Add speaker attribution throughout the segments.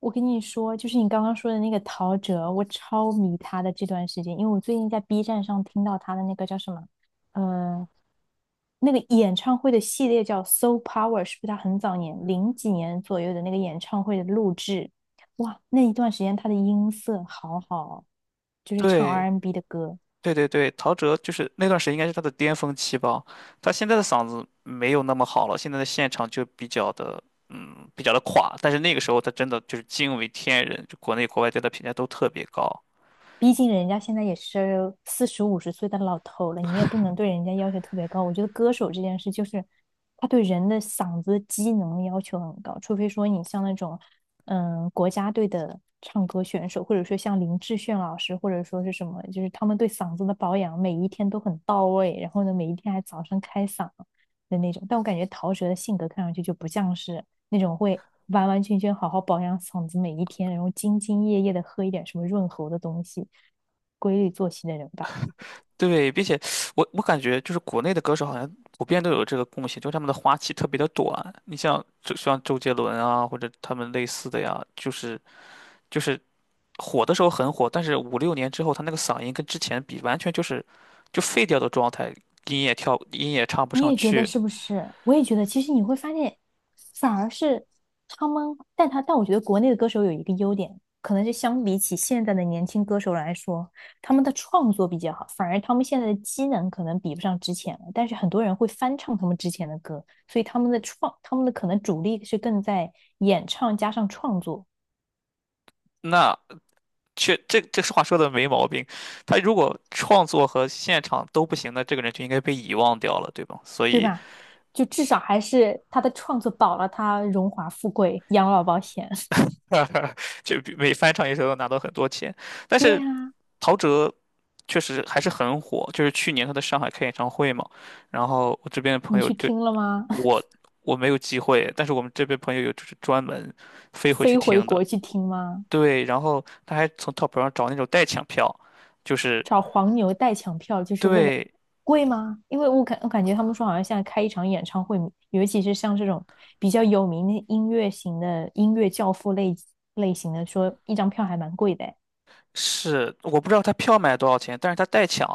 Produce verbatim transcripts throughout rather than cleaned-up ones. Speaker 1: 我跟你说，就是你刚刚说的那个陶喆，我超迷他的这段时间，因为我最近在 B 站上听到他的那个叫什么，呃，那个演唱会的系列叫《s o Power》，是不是他很早年零几年左右的那个演唱会的录制？哇，那一段时间他的音色好好哦。就是唱
Speaker 2: 对，
Speaker 1: R and B n 的歌。
Speaker 2: 对对对，陶喆就是那段时间应该是他的巅峰期吧。他现在的嗓子没有那么好了，现在的现场就比较的，嗯，比较的垮。但是那个时候他真的就是惊为天人，就国内国外对他评价都特别高。
Speaker 1: 毕竟人家现在也是四十五十岁的老头了，你也不能对人家要求特别高。我觉得歌手这件事就是，他对人的嗓子机能要求很高，除非说你像那种，嗯，国家队的唱歌选手，或者说像林志炫老师，或者说是什么，就是他们对嗓子的保养每一天都很到位，然后呢，每一天还早上开嗓的那种。但我感觉陶喆的性格看上去就不像是，那种会完完全全好好保养嗓子每一天，然后兢兢业业的喝一点什么润喉的东西，规律作息的人吧。
Speaker 2: 对，并且我我感觉就是国内的歌手好像普遍都有这个共性，就是他们的花期特别的短。你像就像周杰伦啊，或者他们类似的呀，就是就是火的时候很火，但是五六年之后，他那个嗓音跟之前比，完全就是就废掉的状态，音也跳，音也唱不
Speaker 1: 你
Speaker 2: 上
Speaker 1: 也觉得
Speaker 2: 去。
Speaker 1: 是不是？我也觉得，其实你会发现，反而是他们，但他但我觉得国内的歌手有一个优点，可能是相比起现在的年轻歌手来说，他们的创作比较好，反而他们现在的机能可能比不上之前了。但是很多人会翻唱他们之前的歌，所以他们的创，他们的可能主力是更在演唱加上创作。
Speaker 2: 那确这这话说的没毛病，他如果创作和现场都不行，那这个人就应该被遗忘掉了，对吧？所
Speaker 1: 对
Speaker 2: 以
Speaker 1: 吧？就至少还是他的创作保了他荣华富贵、养老保险。
Speaker 2: 就比每翻唱一首都拿到很多钱，但
Speaker 1: 对
Speaker 2: 是
Speaker 1: 呀、啊。
Speaker 2: 陶喆确实还是很火，就是去年他在上海开演唱会嘛，然后我这边的朋
Speaker 1: 你
Speaker 2: 友
Speaker 1: 去
Speaker 2: 就
Speaker 1: 听了吗？
Speaker 2: 我 我没有机会，但是我们这边朋友有就是专门飞回去
Speaker 1: 飞回
Speaker 2: 听的，
Speaker 1: 国去听吗？
Speaker 2: 对，然后他还从淘宝上找那种代抢票，就是
Speaker 1: 找黄牛代抢票就是为了
Speaker 2: 对，
Speaker 1: 贵吗？因为我感我感觉他们说好像现在开一场演唱会，尤其是像这种比较有名的音乐型的音乐教父类类型的，说一张票还蛮贵的哎。
Speaker 2: 是我不知道他票卖多少钱，但是他代抢，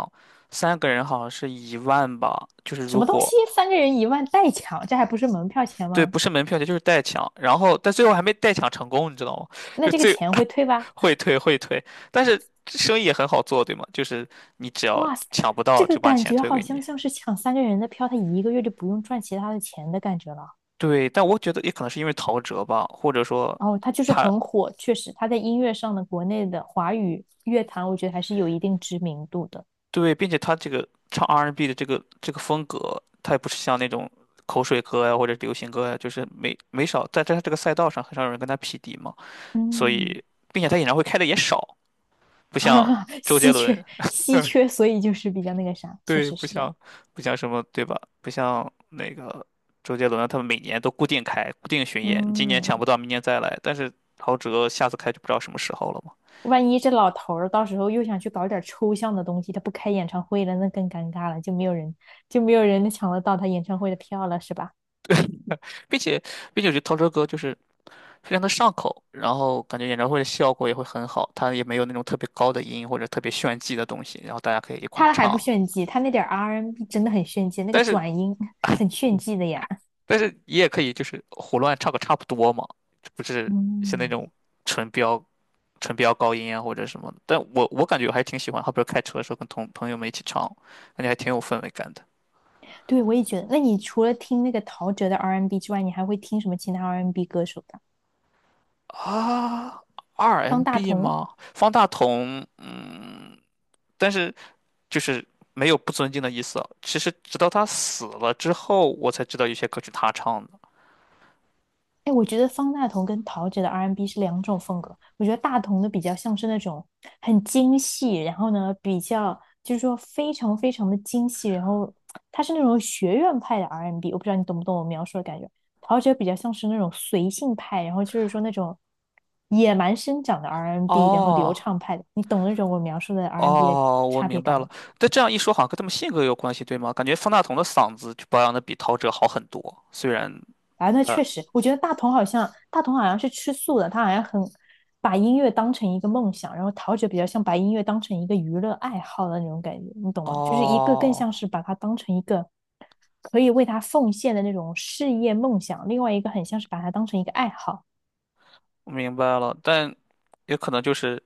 Speaker 2: 三个人好像是一万吧，就是
Speaker 1: 什
Speaker 2: 如
Speaker 1: 么东
Speaker 2: 果
Speaker 1: 西？三个人一万代抢，这还不是门票钱
Speaker 2: 对，
Speaker 1: 吗？
Speaker 2: 不是门票钱就是代抢，然后但最后还没代抢成功，你知道吗？
Speaker 1: 那
Speaker 2: 就
Speaker 1: 这个
Speaker 2: 最
Speaker 1: 钱会退吧？
Speaker 2: 会退会退，但是生意也很好做，对吗？就是你只要
Speaker 1: 哇塞，
Speaker 2: 抢不到
Speaker 1: 这个
Speaker 2: 就把
Speaker 1: 感
Speaker 2: 钱
Speaker 1: 觉
Speaker 2: 退
Speaker 1: 好
Speaker 2: 给你。
Speaker 1: 像像是抢三个人的票，他一个月就不用赚其他的钱的感觉了。
Speaker 2: 对，但我觉得也可能是因为陶喆吧，或者说
Speaker 1: 然后他就是
Speaker 2: 他
Speaker 1: 很火，确实他在音乐上的国内的华语乐坛，我觉得还是有一定知名度的。
Speaker 2: 对，并且他这个唱 R and B n 的这个这个风格，他也不是像那种口水歌呀或者流行歌呀，就是没没少在在他这个赛道上很少有人跟他匹敌嘛，所
Speaker 1: 嗯，
Speaker 2: 以并且他演唱会开的也少，不像 周
Speaker 1: 稀
Speaker 2: 杰
Speaker 1: 缺
Speaker 2: 伦，
Speaker 1: 稀缺，所以就是比较那个啥，确
Speaker 2: 对，
Speaker 1: 实
Speaker 2: 不
Speaker 1: 是这样。
Speaker 2: 像不像什么对吧？不像那个周杰伦啊，他们每年都固定开固定巡演，你今年抢不
Speaker 1: 嗯，
Speaker 2: 到，明年再来，但是陶喆下次开就不知道什么时候了嘛。
Speaker 1: 万一这老头儿到时候又想去搞点抽象的东西，他不开演唱会了，那更尴尬了，就没有人就没有人抢得到他演唱会的票了，是吧？
Speaker 2: 并且并且我觉得陶喆歌就是非常的上口，然后感觉演唱会的效果也会很好，他也没有那种特别高的音或者特别炫技的东西，然后大家可以一块儿
Speaker 1: 他还不
Speaker 2: 唱，
Speaker 1: 炫技，他那点 R and B n 真的很炫技，那个
Speaker 2: 但是
Speaker 1: 转音很炫技的呀。
Speaker 2: 但是你也可以就是胡乱唱个差不多嘛，不是像那
Speaker 1: 嗯，
Speaker 2: 种纯飙纯飙高音啊或者什么的，但我我感觉我还挺喜欢，好比如开车的时候跟同朋友们一起唱，感觉还挺有氛围感的
Speaker 1: 对，我也觉得。那你除了听那个陶喆的 R and B n 之外，你还会听什么其他 R and B n 歌手的？
Speaker 2: 啊。
Speaker 1: 方大
Speaker 2: R&B
Speaker 1: 同
Speaker 2: 吗？方大同，嗯，但是。就是没有不尊敬的意思。其实直到他死了之后，我才知道有些歌曲他唱的。
Speaker 1: 哎，我觉得方大同跟陶喆的 R and B 是两种风格。我觉得大同的比较像是那种很精细，然后呢，比较就是说非常非常的精细，然后他是那种学院派的 R&B。我不知道你懂不懂我描述的感觉。陶喆比较像是那种随性派，然后就是说那种野蛮生长的 R and B，然后流
Speaker 2: 哦
Speaker 1: 畅派的。你懂那种我描述的 R and B 的
Speaker 2: 哦，我
Speaker 1: 差
Speaker 2: 明
Speaker 1: 别感
Speaker 2: 白
Speaker 1: 吗？
Speaker 2: 了。但这样一说，好像跟他们性格有关系，对吗？感觉方大同的嗓子就保养的比陶喆好很多，虽然
Speaker 1: 啊，那
Speaker 2: 他……
Speaker 1: 确实，我觉得大同好像大同好像是吃素的，他好像很把音乐当成一个梦想，然后陶喆比较像把音乐当成一个娱乐爱好的那种感觉，你懂吗？就是一个更
Speaker 2: 哦，
Speaker 1: 像是把它当成一个可以为他奉献的那种事业梦想，另外一个很像是把它当成一个爱好。
Speaker 2: 我明白了，但也可能就是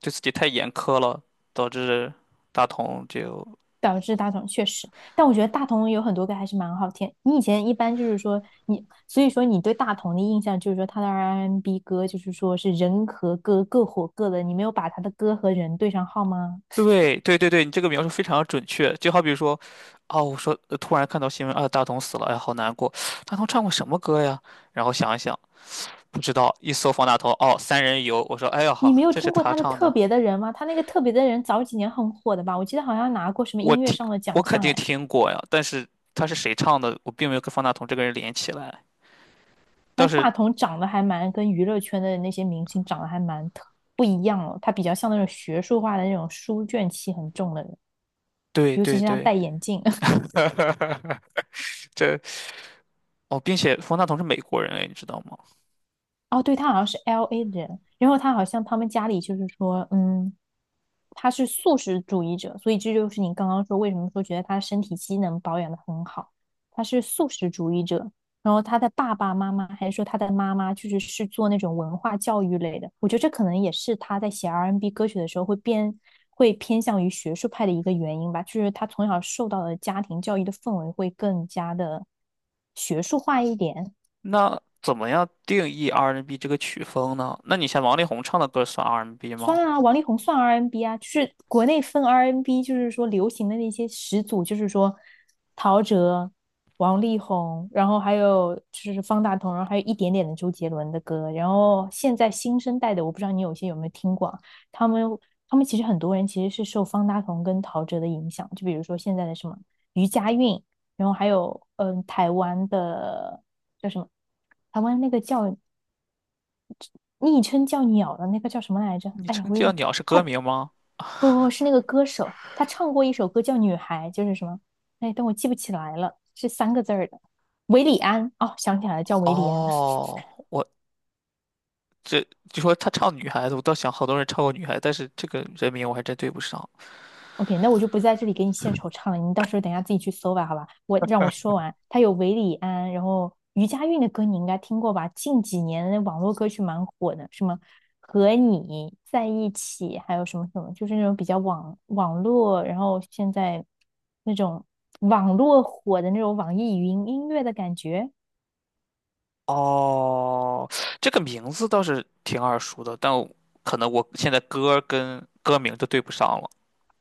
Speaker 2: 对自己太严苛了，导致大同就
Speaker 1: 导致大同确实，但我觉得大同有很多歌还是蛮好听。你以前一般就是说你，所以说你对大同的印象就是说他的 R&B 歌就是说是人和歌各火各的，你没有把他的歌和人对上号吗？
Speaker 2: 对对对对，你这个描述非常准确。就好比说，哦，我说呃突然看到新闻啊，大同死了，哎，好难过。大同唱过什么歌呀？然后想一想，不知道。一搜方大同，哦，《三人游》，我说，哎呀
Speaker 1: 你
Speaker 2: 哈，
Speaker 1: 没有
Speaker 2: 这是
Speaker 1: 听过
Speaker 2: 他
Speaker 1: 他的
Speaker 2: 唱
Speaker 1: 《特
Speaker 2: 的，
Speaker 1: 别的人》吗？他那个《特别的人》早几年很火的吧？我记得好像拿过什么
Speaker 2: 我
Speaker 1: 音乐
Speaker 2: 听，
Speaker 1: 上的
Speaker 2: 我
Speaker 1: 奖
Speaker 2: 肯
Speaker 1: 项
Speaker 2: 定
Speaker 1: 哎。
Speaker 2: 听过呀。但是他是谁唱的，我并没有跟方大同这个人连起来。但
Speaker 1: 而
Speaker 2: 是，
Speaker 1: 大同长得还蛮跟娱乐圈的那些明星长得还蛮特不一样哦，他比较像那种学术化的那种书卷气很重的人，
Speaker 2: 对
Speaker 1: 尤其
Speaker 2: 对
Speaker 1: 是他
Speaker 2: 对，
Speaker 1: 戴眼镜。
Speaker 2: 这哦，并且方大同是美国人，哎，你知道吗？
Speaker 1: 哦，对，他好像是 L A 的人，然后他好像他们家里就是说，嗯，他是素食主义者，所以这就是你刚刚说为什么说觉得他身体机能保养的很好，他是素食主义者。然后他的爸爸妈妈还是说他的妈妈就是是做那种文化教育类的，我觉得这可能也是他在写 R and B n 歌曲的时候会变会偏向于学术派的一个原因吧，就是他从小受到的家庭教育的氛围会更加的学术化一点。
Speaker 2: 那怎么样定义 R and B n 这个曲风呢？那你像王力宏唱的歌算 R and B n
Speaker 1: 算
Speaker 2: 吗？
Speaker 1: 啊，王力宏算 R and B N 啊，就是国内分 R and B，N 就是说流行的那些始祖，就是说陶喆、王力宏，然后还有就是方大同，然后还有一点点的周杰伦的歌，然后现在新生代的，我不知道你有些有没有听过啊他们他们其实很多人其实是受方大同跟陶喆的影响，就比如说现在的什么余佳韵，然后还有嗯、呃台湾的叫什么，台湾那个叫昵称叫鸟的那个叫什么来着？
Speaker 2: 你
Speaker 1: 哎呀，
Speaker 2: 称
Speaker 1: 我有
Speaker 2: 叫
Speaker 1: 点，
Speaker 2: 鸟是
Speaker 1: 他
Speaker 2: 歌名吗？
Speaker 1: 不不是那个歌手，他唱过一首歌叫《女孩》，就是什么？哎，但我记不起来了，是三个字儿的。韦礼安，哦，想起来了，叫韦礼安。
Speaker 2: 哦，我这就说他唱女孩子，我倒想好多人唱过女孩子，但是这个人名我还真对不上。
Speaker 1: OK，那我就不在这里给你献丑唱了，你到时候等一下自己去搜吧，好吧？我让我说完，他有韦礼安，然后余佳韵的歌你应该听过吧？近几年网络歌曲蛮火的，什么和你在一起，还有什么什么，就是那种比较网网络，然后现在那种网络火的那种网易云音乐的感觉。
Speaker 2: 哦，这个名字倒是挺耳熟的，但我可能我现在歌跟歌名都对不上了。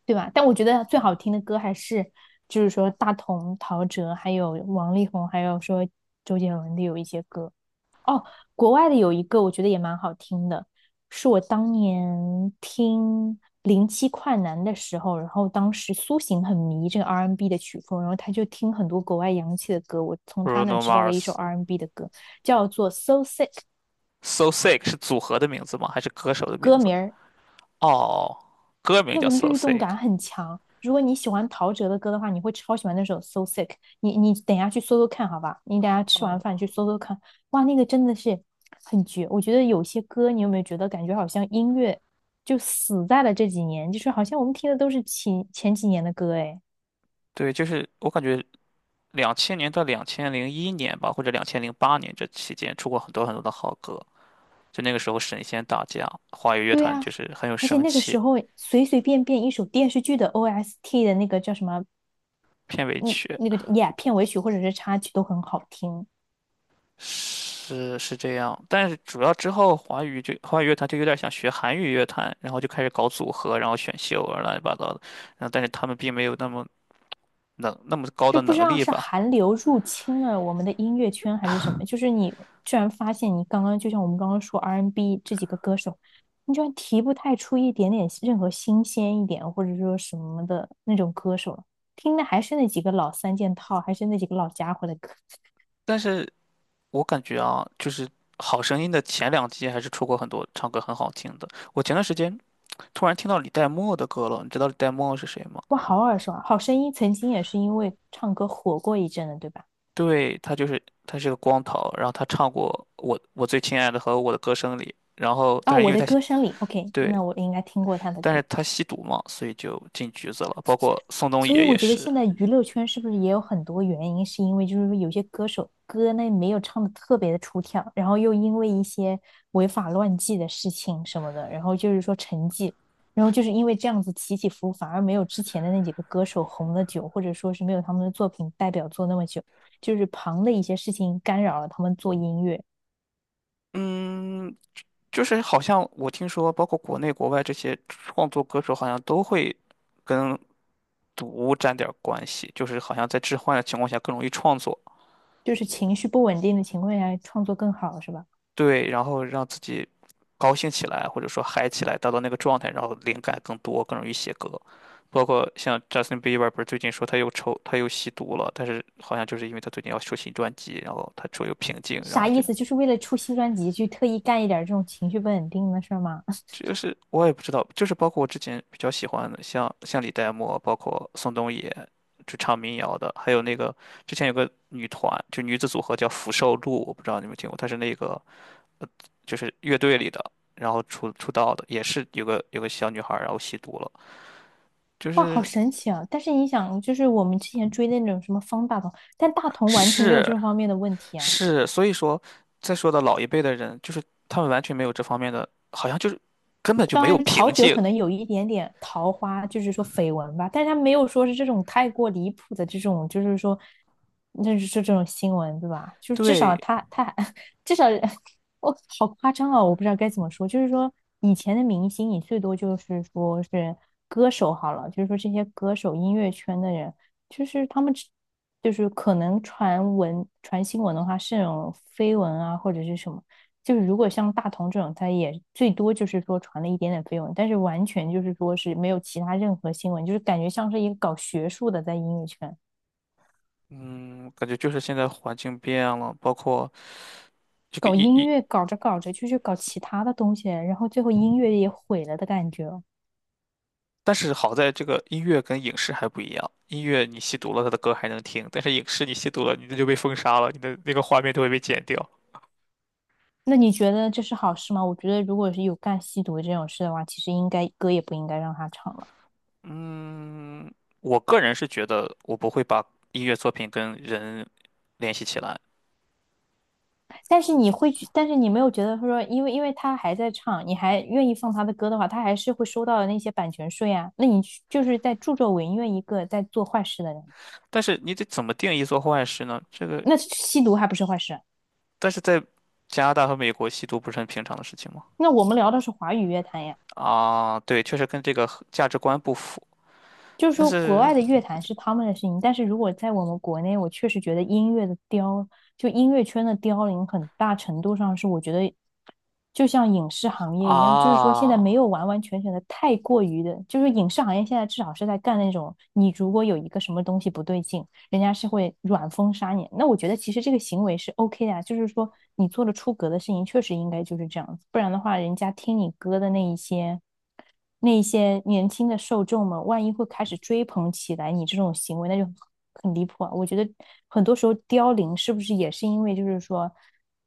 Speaker 1: 对吧？但我觉得最好听的歌还是，就是说大同、陶喆，还有王力宏，还有说周杰伦的有一些歌。哦，国外的有一个我觉得也蛮好听的，是我当年听零七快男的时候，然后当时苏醒很迷这个 R and B n 的曲风，然后他就听很多国外洋气的歌，我从他那
Speaker 2: Bruno
Speaker 1: 知道的一首
Speaker 2: Mars
Speaker 1: R and B n 的歌叫做《So Sick》，
Speaker 2: So Sick 是组合的名字吗？还是歌手的名
Speaker 1: 歌
Speaker 2: 字？
Speaker 1: 名
Speaker 2: 哦，歌名
Speaker 1: 那
Speaker 2: 叫
Speaker 1: 个
Speaker 2: So
Speaker 1: 律动
Speaker 2: Sick。
Speaker 1: 感很强。如果你喜欢陶喆的歌的话，你会超喜欢那首《So Sick》。你你等一下去搜搜看，好吧？你等一下吃完
Speaker 2: 哦，
Speaker 1: 饭去搜搜看。哇，那个真的是很绝。我觉得有些歌，你有没有觉得感觉好像音乐就死在了这几年？就是好像我们听的都是前前几年的歌，哎，
Speaker 2: 对，就是我感觉两千年到两千零一年吧，或者两千零八年这期间出过很多很多的好歌。就那个时候神仙打架，华语乐
Speaker 1: 对
Speaker 2: 团
Speaker 1: 呀、
Speaker 2: 就是很有
Speaker 1: 而且
Speaker 2: 生
Speaker 1: 那个
Speaker 2: 气，
Speaker 1: 时候随随便便一首电视剧的 O S T 的那个叫什么，
Speaker 2: 片尾
Speaker 1: 嗯，
Speaker 2: 曲
Speaker 1: 那个 Yeah 片尾曲或者是插曲都很好听。
Speaker 2: 是是这样，但是主要之后华语就华语乐团就有点想学韩语乐团，然后就开始搞组合，然后选秀啊乱七八糟的，然后但是他们并没有那么能那么高
Speaker 1: 就
Speaker 2: 的
Speaker 1: 不知
Speaker 2: 能
Speaker 1: 道
Speaker 2: 力
Speaker 1: 是
Speaker 2: 吧，
Speaker 1: 韩流入侵了我们的音乐圈还是什么，就是你居然发现你刚刚就像我们刚刚说 R B n 这几个歌手，你居然提不太出一点点任何新鲜一点或者说什么的那种歌手了。听的还是那几个老三件套，还是那几个老家伙的歌。
Speaker 2: 但是我感觉啊，就是好声音的前两季还是出过很多唱歌很好听的，我前段时间突然听到李代沫的歌了，你知道李代沫是谁吗？
Speaker 1: 哇，好耳熟啊！好声音曾经也是因为唱歌火过一阵的，对吧？
Speaker 2: 对，他就是他是个光头，然后他唱过我我最亲爱的和我的歌声里，然后
Speaker 1: 哦，
Speaker 2: 但是因
Speaker 1: 我
Speaker 2: 为
Speaker 1: 的
Speaker 2: 他吸
Speaker 1: 歌声里，OK，
Speaker 2: 对，
Speaker 1: 那我应该听过他的
Speaker 2: 但是
Speaker 1: 歌。
Speaker 2: 他吸毒嘛，所以就进局子了，包括宋冬
Speaker 1: 所以
Speaker 2: 野也
Speaker 1: 我觉得
Speaker 2: 是，
Speaker 1: 现在娱乐圈是不是也有很多原因，是因为就是说有些歌手歌呢没有唱的特别的出挑，然后又因为一些违法乱纪的事情什么的，然后就是说沉寂，然后就是因为这样子起起伏伏，反而没有之前的那几个歌手红的久，或者说是没有他们的作品代表作那么久，就是旁的一些事情干扰了他们做音乐。
Speaker 2: 嗯，就是好像我听说，包括国内国外这些创作歌手好像都会跟毒沾点儿关系，就是好像在致幻的情况下更容易创作，
Speaker 1: 就是情绪不稳定的情况下创作更好，是吧？
Speaker 2: 对，然后让自己高兴起来，或者说嗨起来，达到那个状态，然后灵感更多，更容易写歌。包括像 Justin Bieber 不是最近说他又抽他又吸毒了，但是好像就是因为他最近要出新专辑，然后他处又平静，然后
Speaker 1: 啥意
Speaker 2: 就
Speaker 1: 思？就是为了出新专辑去特意干一点这种情绪不稳定的事儿吗？
Speaker 2: 就是我也不知道，就是包括我之前比较喜欢的，像像李代沫，包括宋冬野，就唱民谣的，还有那个之前有个女团，就女子组合叫福寿露，我不知道你们听过，她是那个就是乐队里的，然后出出道的，也是有个有个小女孩儿，然后吸毒了，就
Speaker 1: 哇，好
Speaker 2: 是
Speaker 1: 神奇啊！但是你想，就是我们之前追的那种什么方大同，但大同完全没有
Speaker 2: 是
Speaker 1: 这方面的问题啊。
Speaker 2: 是，所以说再说的老一辈的人，就是他们完全没有这方面的，好像就是根本就
Speaker 1: 当
Speaker 2: 没有
Speaker 1: 然，陶
Speaker 2: 瓶
Speaker 1: 喆
Speaker 2: 颈。
Speaker 1: 可能有一点点桃花，就是说绯闻吧，但是他没有说是这种太过离谱的这种，就是说，那是这种新闻，对吧？就至少
Speaker 2: 对，
Speaker 1: 他他 至少我哦好夸张啊、哦我不知道该怎么说，就是说以前的明星，你最多就是说是歌手好了，就是说这些歌手音乐圈的人，就是他们就是可能传闻传新闻的话是那种绯闻啊或者是什么。就是如果像大同这种，他也最多就是说传了一点点绯闻，但是完全就是说是没有其他任何新闻，就是感觉像是一个搞学术的在音乐圈
Speaker 2: 嗯，感觉就是现在环境变了，包括这个
Speaker 1: 搞
Speaker 2: 音
Speaker 1: 音
Speaker 2: 音，
Speaker 1: 乐，搞着搞着就去搞其他的东西，然后最后音乐也毁了的感觉哦。
Speaker 2: 但是好在这个音乐跟影视还不一样，音乐你吸毒了，他的歌还能听，但是影视你吸毒了，你的就被封杀了，你的那个画面都会被剪掉。
Speaker 1: 那你觉得这是好事吗？我觉得如果是有干吸毒这种事的话，其实应该歌也不应该让他唱了。
Speaker 2: 嗯，我个人是觉得我不会把音乐作品跟人联系起来，
Speaker 1: 但是你会觉，但是你没有觉得说，因为因为他还在唱，你还愿意放他的歌的话，他还是会收到那些版权税啊。那你就是在助纣为虐一个在做坏事的人，
Speaker 2: 但是你得怎么定义做坏事呢？这个，
Speaker 1: 那吸毒还不是坏事？
Speaker 2: 但是在加拿大和美国，吸毒不是很平常的事情吗？
Speaker 1: 那我们聊的是华语乐坛呀。
Speaker 2: 啊，对，确实跟这个价值观不符，
Speaker 1: 就是
Speaker 2: 但
Speaker 1: 说国
Speaker 2: 是
Speaker 1: 外的乐坛是他们的事情，但是如果在我们国内，我确实觉得音乐的凋，就音乐圈的凋零，很大程度上是我觉得就像影视行业一样，就是说现在
Speaker 2: 啊，
Speaker 1: 没有完完全全的太过于的，就是影视行业现在至少是在干那种，你如果有一个什么东西不对劲，人家是会软封杀你。那我觉得其实这个行为是 OK 的啊，就是说你做了出格的事情，确实应该就是这样子，不然的话，人家听你歌的那一些那一些年轻的受众们，万一会开始追捧起来你这种行为，那就很离谱啊！我觉得很多时候凋零是不是也是因为就是说，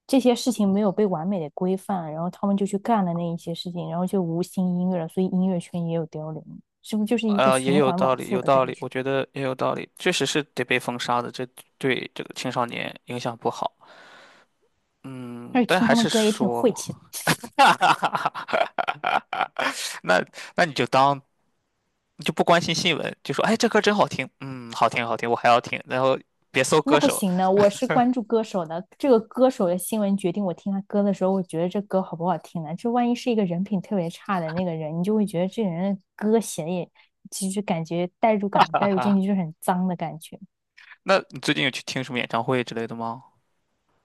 Speaker 1: 这些事情没有被完美的规范，然后他们就去干了那一些事情，然后就无心音乐了，所以音乐圈也有凋零，是不是就是一个
Speaker 2: 呃，也
Speaker 1: 循
Speaker 2: 有
Speaker 1: 环
Speaker 2: 道
Speaker 1: 往
Speaker 2: 理，
Speaker 1: 复
Speaker 2: 有
Speaker 1: 的
Speaker 2: 道
Speaker 1: 感
Speaker 2: 理，我
Speaker 1: 觉？
Speaker 2: 觉得也有道理，确实是得被封杀的，这对这个青少年影响不好。嗯，
Speaker 1: 而且
Speaker 2: 但
Speaker 1: 听
Speaker 2: 还
Speaker 1: 他们
Speaker 2: 是
Speaker 1: 歌也挺
Speaker 2: 说
Speaker 1: 晦
Speaker 2: 嘛，
Speaker 1: 气的。
Speaker 2: 那那你就当就不关心新闻，就说哎这歌真好听，嗯，好听好听，我还要听，然后别搜
Speaker 1: 那
Speaker 2: 歌
Speaker 1: 不
Speaker 2: 手。
Speaker 1: 行呢，我是关 注歌手的，这个歌手的新闻决定我听他歌的时候，我觉得这歌好不好听呢？这万一是一个人品特别差的那个人，你就会觉得这个人的歌写的也，就是感觉代入感带入进去就是很脏的感觉。
Speaker 2: 那你最近有去听什么演唱会之类的吗？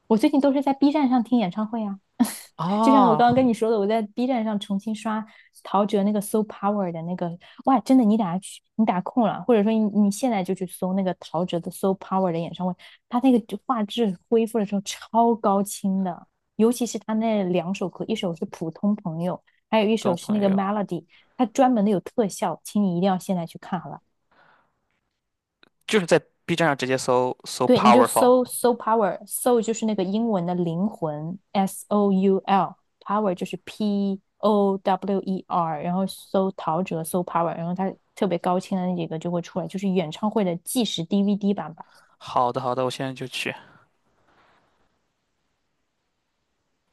Speaker 1: 我最近都是在 B 站上听演唱会啊，就像我
Speaker 2: 啊，
Speaker 1: 刚刚跟你说的，我在 B 站上重新刷陶喆那个《So Power》的那个，哇，真的，你打去，你打空了，或者说你你现在就去搜那个陶喆的《So Power》的演唱会，他那个画质恢复的时候超高清的，尤其是他那两首歌，一首是《普通朋友》，还有一
Speaker 2: 懂
Speaker 1: 首是那
Speaker 2: 朋
Speaker 1: 个
Speaker 2: 友，
Speaker 1: 《Melody》，他专门的有特效，请你一定要现在去看，好吧？
Speaker 2: 就是在 B 站上直接搜搜
Speaker 1: 对，你就
Speaker 2: Powerful。
Speaker 1: 搜搜 p o w e r 搜就是那个英文的灵魂，S O U L，power 就是 P O W E R，然后搜陶喆，搜 power，然后它特别高清的那几个就会出来，就是演唱会的计时 D V D 版吧。
Speaker 2: 好的好的，我现在就去。